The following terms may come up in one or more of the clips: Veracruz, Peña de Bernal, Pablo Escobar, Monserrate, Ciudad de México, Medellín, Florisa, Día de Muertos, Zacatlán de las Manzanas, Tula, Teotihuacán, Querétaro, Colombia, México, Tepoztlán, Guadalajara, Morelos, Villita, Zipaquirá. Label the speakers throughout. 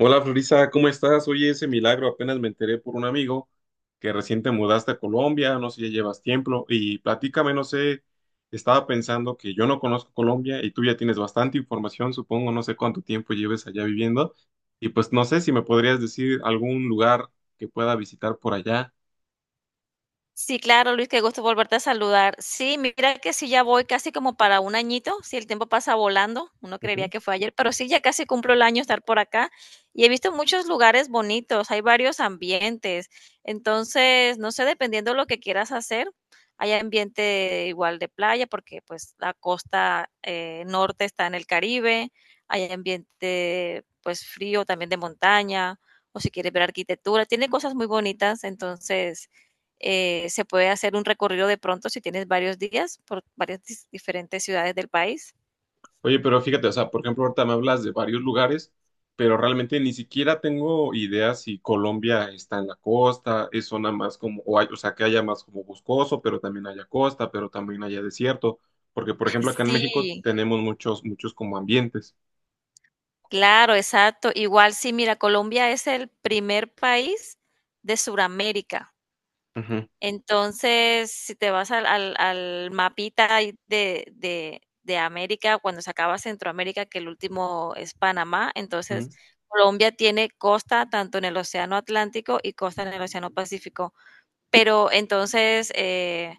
Speaker 1: Hola Florisa, ¿cómo estás? Oye, ese milagro, apenas me enteré por un amigo que recién te mudaste a Colombia, no sé, si ya llevas tiempo y platícame, no sé, estaba pensando que yo no conozco Colombia y tú ya tienes bastante información, supongo, no sé cuánto tiempo lleves allá viviendo y pues no sé si me podrías decir algún lugar que pueda visitar por allá.
Speaker 2: Sí, claro, Luis, qué gusto volverte a saludar. Sí, mira que sí, ya voy casi como para un añito, si el tiempo pasa volando, uno creería que fue ayer, pero sí, ya casi cumplo el año estar por acá y he visto muchos lugares bonitos, hay varios ambientes, entonces, no sé, dependiendo lo que quieras hacer, hay ambiente igual de playa, porque pues la costa norte está en el Caribe, hay ambiente pues frío también de montaña, o si quieres ver arquitectura, tiene cosas muy bonitas, entonces. Se puede hacer un recorrido de pronto si tienes varios días por varias diferentes ciudades del país.
Speaker 1: Oye, pero fíjate, o sea, por ejemplo, ahorita me hablas de varios lugares, pero realmente ni siquiera tengo idea si Colombia está en la costa, es zona más como, o, o sea, que haya más como boscoso, pero también haya costa, pero también haya desierto, porque por ejemplo acá en México
Speaker 2: Sí,
Speaker 1: tenemos muchos como ambientes.
Speaker 2: claro, exacto. Igual sí, mira, Colombia es el primer país de Sudamérica.
Speaker 1: Ujú,
Speaker 2: Entonces, si te vas al mapita ahí de América, cuando se acaba Centroamérica, que el último es Panamá,
Speaker 1: ujú.
Speaker 2: entonces Colombia tiene costa tanto en el océano Atlántico y costa en el océano Pacífico. Pero entonces,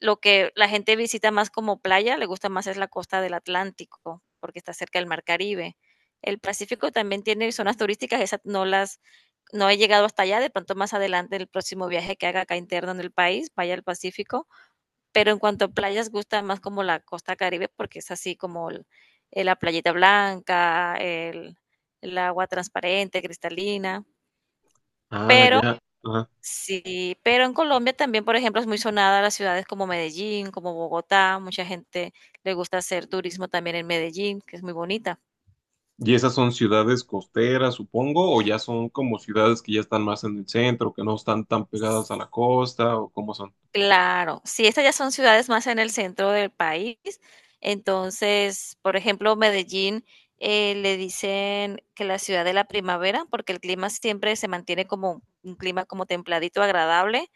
Speaker 2: lo que la gente visita más como playa, le gusta más es la costa del Atlántico, porque está cerca del Mar Caribe. El Pacífico también tiene zonas turísticas, esas no las, no he llegado hasta allá, de pronto más adelante el próximo viaje que haga acá interno en el país, vaya al Pacífico, pero en cuanto a playas gusta más como la costa Caribe porque es así como la playita blanca, el agua transparente, cristalina,
Speaker 1: Ah,
Speaker 2: pero
Speaker 1: ya. Ajá.
Speaker 2: sí. Pero en Colombia también, por ejemplo, es muy sonada las ciudades como Medellín, como Bogotá. Mucha gente le gusta hacer turismo también en Medellín, que es muy bonita.
Speaker 1: ¿Y esas son ciudades costeras, supongo, o ya son como ciudades que ya están más en el centro, que no están tan pegadas a
Speaker 2: S-
Speaker 1: la costa, o cómo son?
Speaker 2: Claro, sí, estas ya son ciudades más en el centro del país. Entonces, por ejemplo, Medellín, le dicen que la ciudad de la primavera, porque el clima siempre se mantiene como un clima como templadito, agradable,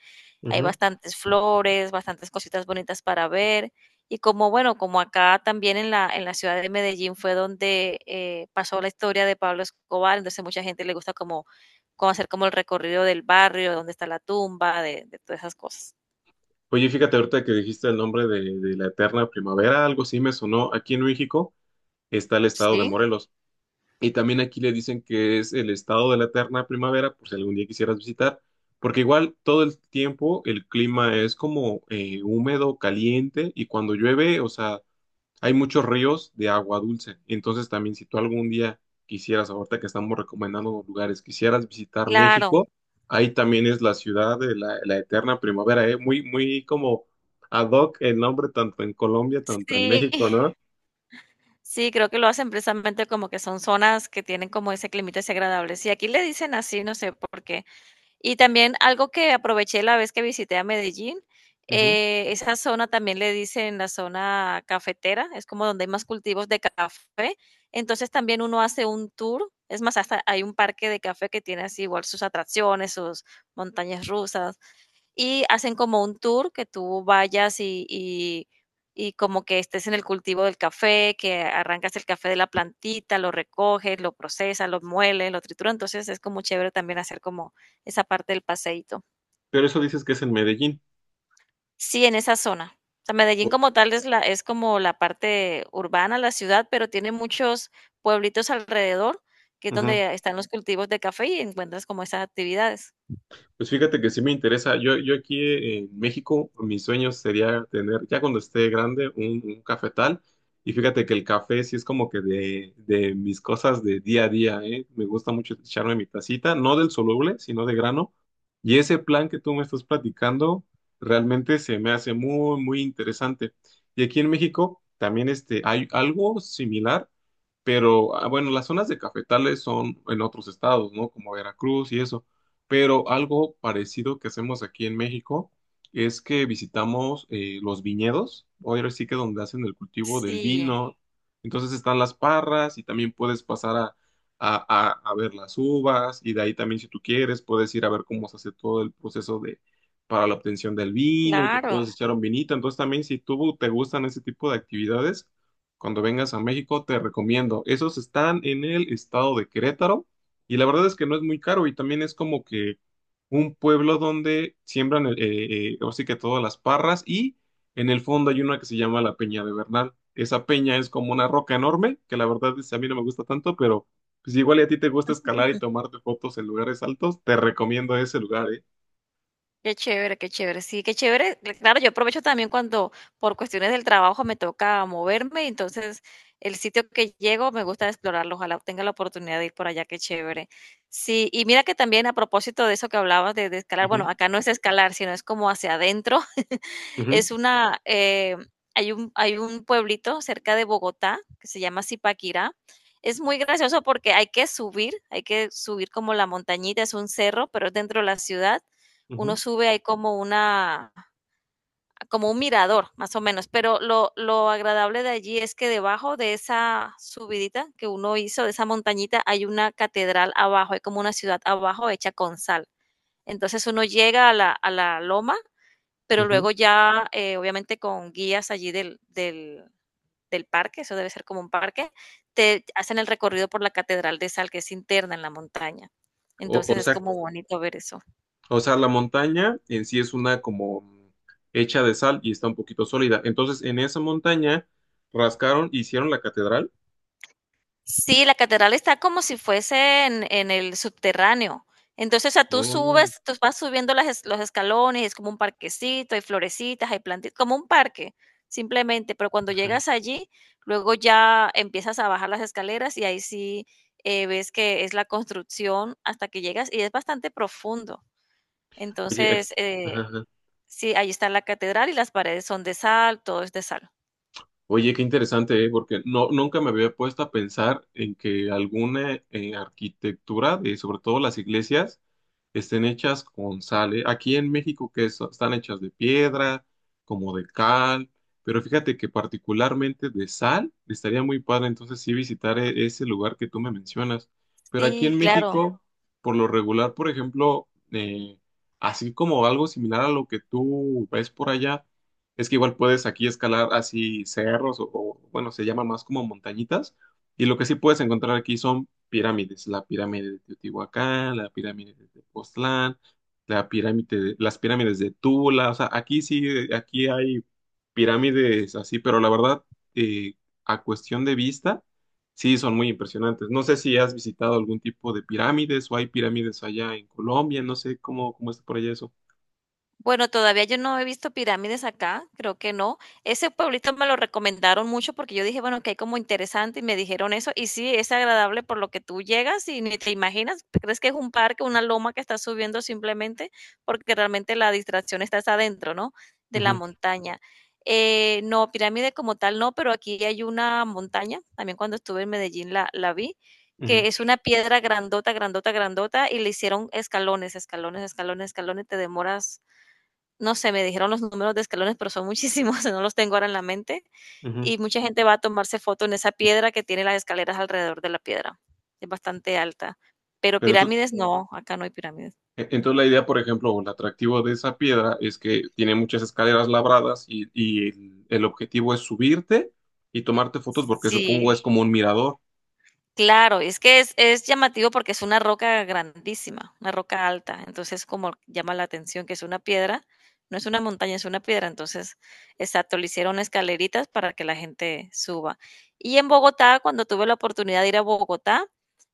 Speaker 2: hay bastantes flores, bastantes cositas bonitas para ver. Y como, bueno, como acá también en la ciudad de Medellín fue donde pasó la historia de Pablo Escobar, entonces mucha gente le gusta como, como hacer como el recorrido del barrio, donde está la tumba, de todas esas cosas.
Speaker 1: Oye, fíjate ahorita que dijiste el nombre de la eterna primavera, algo así me sonó. Aquí en México está el estado de
Speaker 2: Sí,
Speaker 1: Morelos y también aquí le dicen que es el estado de la eterna primavera, por si algún día quisieras visitar, porque igual todo el tiempo el clima es como húmedo, caliente y cuando llueve, o sea, hay muchos ríos de agua dulce. Entonces también si tú algún día quisieras, ahorita que estamos recomendando lugares, quisieras visitar
Speaker 2: claro,
Speaker 1: México, ahí también es la ciudad de la eterna primavera, ¿eh? Muy como ad hoc el nombre tanto en Colombia, tanto en
Speaker 2: sí,
Speaker 1: México, ¿no?
Speaker 2: sí, creo que lo hacen precisamente como que son zonas que tienen como ese climita ese agradable. Sí, aquí le dicen así, no sé por qué. Y también algo que aproveché la vez que visité a Medellín,
Speaker 1: Ujú.
Speaker 2: esa zona también le dicen la zona cafetera, es como donde hay más cultivos de café. Entonces también uno hace un tour, es más, hasta hay un parque de café que tiene así igual sus atracciones, sus montañas rusas, y hacen como un tour que tú vayas y como que estés en el cultivo del café, que arrancas el café de la plantita, lo recoges, lo procesas, lo mueles, lo trituras. Entonces es como chévere también hacer como esa parte del paseíto.
Speaker 1: Pero eso dices que es en Medellín.
Speaker 2: Sí, en esa zona. O sea, Medellín
Speaker 1: O-
Speaker 2: como tal es es como la parte urbana, la ciudad, pero tiene muchos pueblitos alrededor, que es
Speaker 1: Ujú.
Speaker 2: donde están los cultivos de café y encuentras como esas actividades.
Speaker 1: Pues fíjate que sí me interesa. Yo aquí en México, mis sueños sería tener, ya cuando esté grande, un cafetal. Y fíjate que el café sí es como que de mis cosas de día a día, ¿eh? Me gusta mucho echarme mi tacita, no del soluble, sino de grano. Y ese plan que tú me estás platicando realmente se me hace muy interesante. Y aquí en México también este, hay algo similar, pero ah, bueno, las zonas de cafetales son en otros estados, ¿no? Como Veracruz y eso. Pero algo parecido que hacemos aquí en México es que visitamos los viñedos, o ahora sí que donde hacen el cultivo del
Speaker 2: Sí,
Speaker 1: vino. Entonces están las parras y también puedes pasar a ver las uvas y de ahí también si tú quieres puedes ir a ver cómo se hace todo el proceso de para la obtención del vino y te
Speaker 2: claro.
Speaker 1: puedes echar un vinito. Entonces también si tú te gustan ese tipo de actividades, cuando vengas a México te recomiendo. Esos están en el estado de Querétaro y la verdad es que no es muy caro y también es como que un pueblo donde siembran, ahora sí que todas las parras y en el fondo hay una que se llama la Peña de Bernal. Esa peña es como una roca enorme, que la verdad es, a mí no me gusta tanto, pero pues igual y a ti te gusta escalar y tomarte fotos en lugares altos, te recomiendo ese lugar, ¿eh?
Speaker 2: Qué chévere, qué chévere. Sí, qué chévere. Claro, yo aprovecho también cuando por cuestiones del trabajo me toca moverme, entonces el sitio que llego me gusta explorarlo. Ojalá tenga la oportunidad de ir por allá, qué chévere. Sí, y mira que también a propósito de eso que hablabas de escalar,
Speaker 1: Ujú,
Speaker 2: bueno, acá no es escalar, sino es como hacia adentro.
Speaker 1: ujú,
Speaker 2: Es una, eh, Hay un, hay un pueblito cerca de Bogotá que se llama Zipaquirá. Es muy gracioso porque hay que subir como la montañita, es un cerro, pero es dentro de la ciudad. Uno
Speaker 1: ujú,
Speaker 2: sube, hay como una, como un mirador, más o menos. Pero lo agradable de allí es que debajo de esa subidita que uno hizo, de esa montañita, hay una catedral abajo, hay como una ciudad abajo hecha con sal. Entonces uno llega a la loma, pero
Speaker 1: ujú.
Speaker 2: luego ya, obviamente, con guías allí del parque, eso debe ser como un parque, te hacen el recorrido por la catedral de sal, que es interna en la montaña.
Speaker 1: O, o
Speaker 2: Entonces, es
Speaker 1: sea,
Speaker 2: como bonito ver eso.
Speaker 1: o sea, la montaña en sí es una como hecha de sal y está un poquito sólida. Entonces, en esa montaña rascaron, hicieron la catedral.
Speaker 2: Sí, la catedral está como si fuese en el subterráneo. Entonces, o sea, tú
Speaker 1: Oh,
Speaker 2: subes, tú vas subiendo las los escalones, es como un parquecito, hay florecitas, hay plantitas, como un parque, simplemente. Pero cuando
Speaker 1: ajá.
Speaker 2: llegas allí, luego ya empiezas a bajar las escaleras y ahí sí ves que es la construcción hasta que llegas y es bastante profundo.
Speaker 1: Oye, aquí,
Speaker 2: Entonces,
Speaker 1: ajá,
Speaker 2: eh,
Speaker 1: ajá.
Speaker 2: sí, ahí está la catedral y las paredes son de sal, todo es de sal.
Speaker 1: Oye, qué interesante, ¿eh? Porque no, nunca me había puesto a pensar en que alguna arquitectura, de, sobre todo las iglesias, estén hechas con sal, ¿eh? Aquí en México están hechas de piedra, como de cal, pero fíjate que particularmente de sal, estaría muy padre entonces sí visitar ese lugar que tú me mencionas. Pero aquí
Speaker 2: Sí,
Speaker 1: en
Speaker 2: claro.
Speaker 1: México, por lo regular, por ejemplo, así como algo similar a lo que tú ves por allá. Es que igual puedes aquí escalar así cerros bueno, se llama más como montañitas. Y lo que sí puedes encontrar aquí son pirámides. La pirámide de Teotihuacán, la pirámide de Tepoztlán, las pirámides de Tula. O sea, aquí sí, aquí hay pirámides así, pero la verdad, eh, a cuestión de vista, sí son muy impresionantes. No sé si has visitado algún tipo de pirámides o hay pirámides allá en Colombia. No sé cómo está por allá eso.
Speaker 2: Bueno, todavía yo no he visto pirámides acá, creo que no. Ese pueblito me lo recomendaron mucho porque yo dije, bueno, que hay como interesante y me dijeron eso. Y sí, es agradable por lo que tú llegas y ni te imaginas, te crees que es un parque, una loma que estás subiendo simplemente porque realmente la distracción está hasta adentro, ¿no? De la
Speaker 1: Ujú,
Speaker 2: montaña. No, pirámide como tal no, pero aquí hay una montaña, también cuando estuve en Medellín la vi,
Speaker 1: ujú,
Speaker 2: que es una piedra grandota, grandota, grandota y le hicieron escalones, escalones, escalones, escalones, te demoras, no sé, me dijeron los números de escalones, pero son muchísimos, no los tengo ahora en la mente.
Speaker 1: ujú.
Speaker 2: Y mucha gente va a tomarse foto en esa piedra que tiene las escaleras alrededor de la piedra. Es bastante alta. Pero
Speaker 1: Pero tú-
Speaker 2: pirámides no, acá no hay pirámides.
Speaker 1: Entonces la idea, por ejemplo, o el atractivo de esa piedra es que tiene muchas escaleras labradas y el objetivo es subirte y tomarte fotos porque supongo
Speaker 2: Sí,
Speaker 1: es como un mirador.
Speaker 2: claro, es que es llamativo porque es una roca grandísima, una roca alta, entonces como llama la atención que es una piedra, no es una montaña, es una piedra, entonces, exacto, le hicieron escaleritas para que la gente suba. Y en Bogotá, cuando tuve la oportunidad de ir a Bogotá,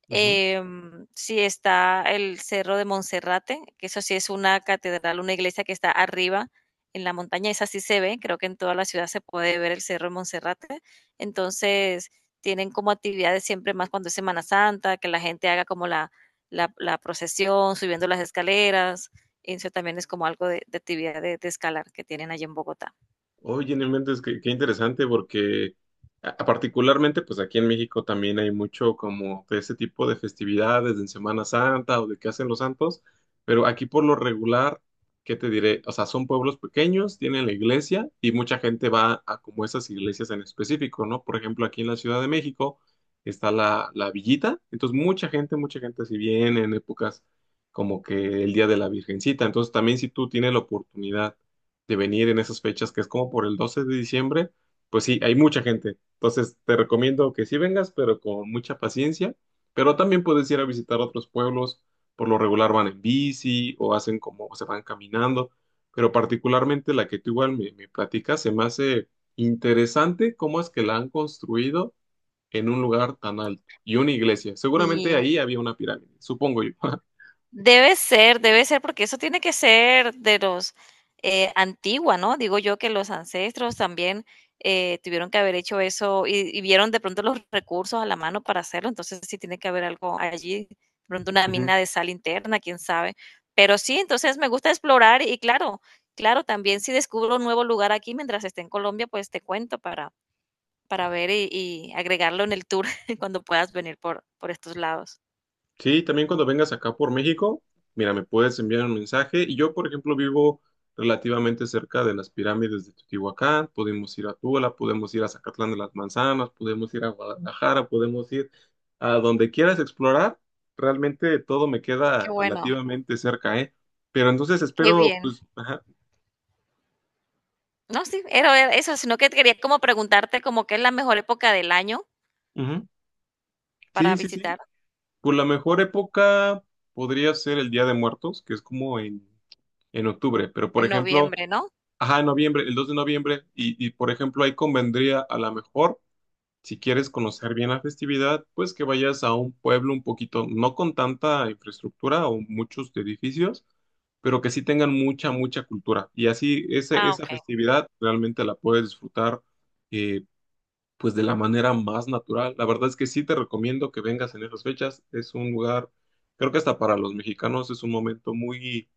Speaker 2: Sí está el Cerro de Monserrate, que eso sí es una catedral, una iglesia que está arriba en la montaña, esa sí se ve, creo que en toda la ciudad se puede ver el Cerro de Monserrate. Entonces, tienen como actividades siempre más cuando es Semana Santa, que la gente haga como la procesión, subiendo las escaleras. Eso también es como algo de actividad de escalar que tienen allí en Bogotá.
Speaker 1: Oye, no inventes, qué interesante, porque a particularmente, pues aquí en México también hay mucho como de ese tipo de festividades, en Semana Santa o de qué hacen los santos, pero aquí por lo regular, ¿qué te diré? O sea, son pueblos pequeños, tienen la iglesia y mucha gente va a como esas iglesias en específico, ¿no? Por ejemplo, aquí en la Ciudad de México está la Villita, entonces mucha gente si viene en épocas como que el Día de la Virgencita, entonces también si tú tienes la oportunidad de venir en esas fechas, que es como por el 12 de diciembre, pues sí, hay mucha gente. Entonces te recomiendo que sí vengas, pero con mucha paciencia. Pero también puedes ir a visitar otros pueblos. Por lo regular van en bici o hacen como o se van caminando. Pero particularmente la que tú igual me platicas, se me hace interesante cómo es que la han construido en un lugar tan alto y una iglesia. Seguramente
Speaker 2: Y
Speaker 1: ahí había una pirámide, supongo yo.
Speaker 2: Debe ser, porque eso tiene que ser de los antigua, ¿no? Digo yo que los ancestros también tuvieron que haber hecho eso y vieron de pronto los recursos a la mano para hacerlo, entonces sí tiene que haber algo allí, de pronto una mina de sal interna, quién sabe. Pero sí, entonces me gusta explorar y claro, claro, también si descubro un nuevo lugar aquí mientras esté en Colombia, pues te cuento para ver y agregarlo en el tour cuando puedas venir por estos lados.
Speaker 1: Sí, también cuando vengas acá por México, mira, me puedes enviar un mensaje. Y yo, por ejemplo, vivo relativamente cerca de las pirámides de Teotihuacán. Podemos ir a Tula, podemos ir a Zacatlán de las Manzanas, podemos ir a Guadalajara, podemos ir a donde quieras explorar. Realmente todo me
Speaker 2: Qué
Speaker 1: queda
Speaker 2: bueno,
Speaker 1: relativamente cerca, ¿eh? Pero entonces
Speaker 2: qué
Speaker 1: espero,
Speaker 2: bien.
Speaker 1: pues, ajá.
Speaker 2: No, sí, era eso, sino que quería como preguntarte como qué es la mejor época del año
Speaker 1: Ujú.
Speaker 2: para
Speaker 1: Sí, sí, sí.
Speaker 2: visitar,
Speaker 1: Pues la mejor época podría ser el Día de Muertos, que es como en octubre. Pero, por
Speaker 2: en
Speaker 1: ejemplo...
Speaker 2: noviembre, ¿no?
Speaker 1: Ajá, en noviembre, el 2 de noviembre. Y, por ejemplo, ahí convendría a lo mejor, si quieres conocer bien la festividad, pues que vayas a un pueblo un poquito, no con tanta infraestructura o muchos edificios, pero que sí tengan mucha cultura. Y así
Speaker 2: Ah,
Speaker 1: esa
Speaker 2: okey.
Speaker 1: festividad realmente la puedes disfrutar eh, pues de la manera más natural. La verdad es que sí te recomiendo que vengas en esas fechas. Es un lugar, creo que hasta para los mexicanos es un momento muy,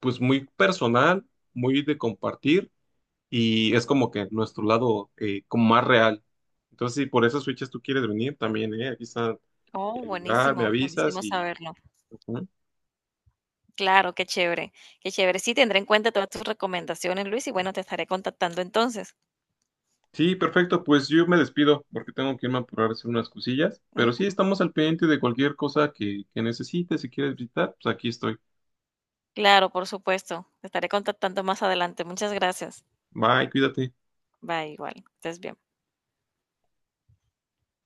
Speaker 1: pues muy personal, muy de compartir y es como que nuestro lado como más real. Entonces, si por esas fechas tú quieres venir, también, ¿eh? Aquí está
Speaker 2: Oh,
Speaker 1: el lugar, me
Speaker 2: buenísimo,
Speaker 1: avisas
Speaker 2: buenísimo
Speaker 1: y...
Speaker 2: saberlo.
Speaker 1: ujú.
Speaker 2: Claro, qué chévere, qué chévere. Sí, tendré en cuenta todas tus recomendaciones, Luis, y bueno, te estaré contactando entonces.
Speaker 1: Sí, perfecto, pues yo me despido porque tengo que irme a apurar a hacer unas cosillas,
Speaker 2: Mm,
Speaker 1: pero sí estamos al pendiente de cualquier cosa que necesites, si quieres visitar, pues aquí estoy.
Speaker 2: claro, por supuesto, te estaré contactando más adelante. Muchas gracias.
Speaker 1: Bye, cuídate.
Speaker 2: Bye, igual, estés bien.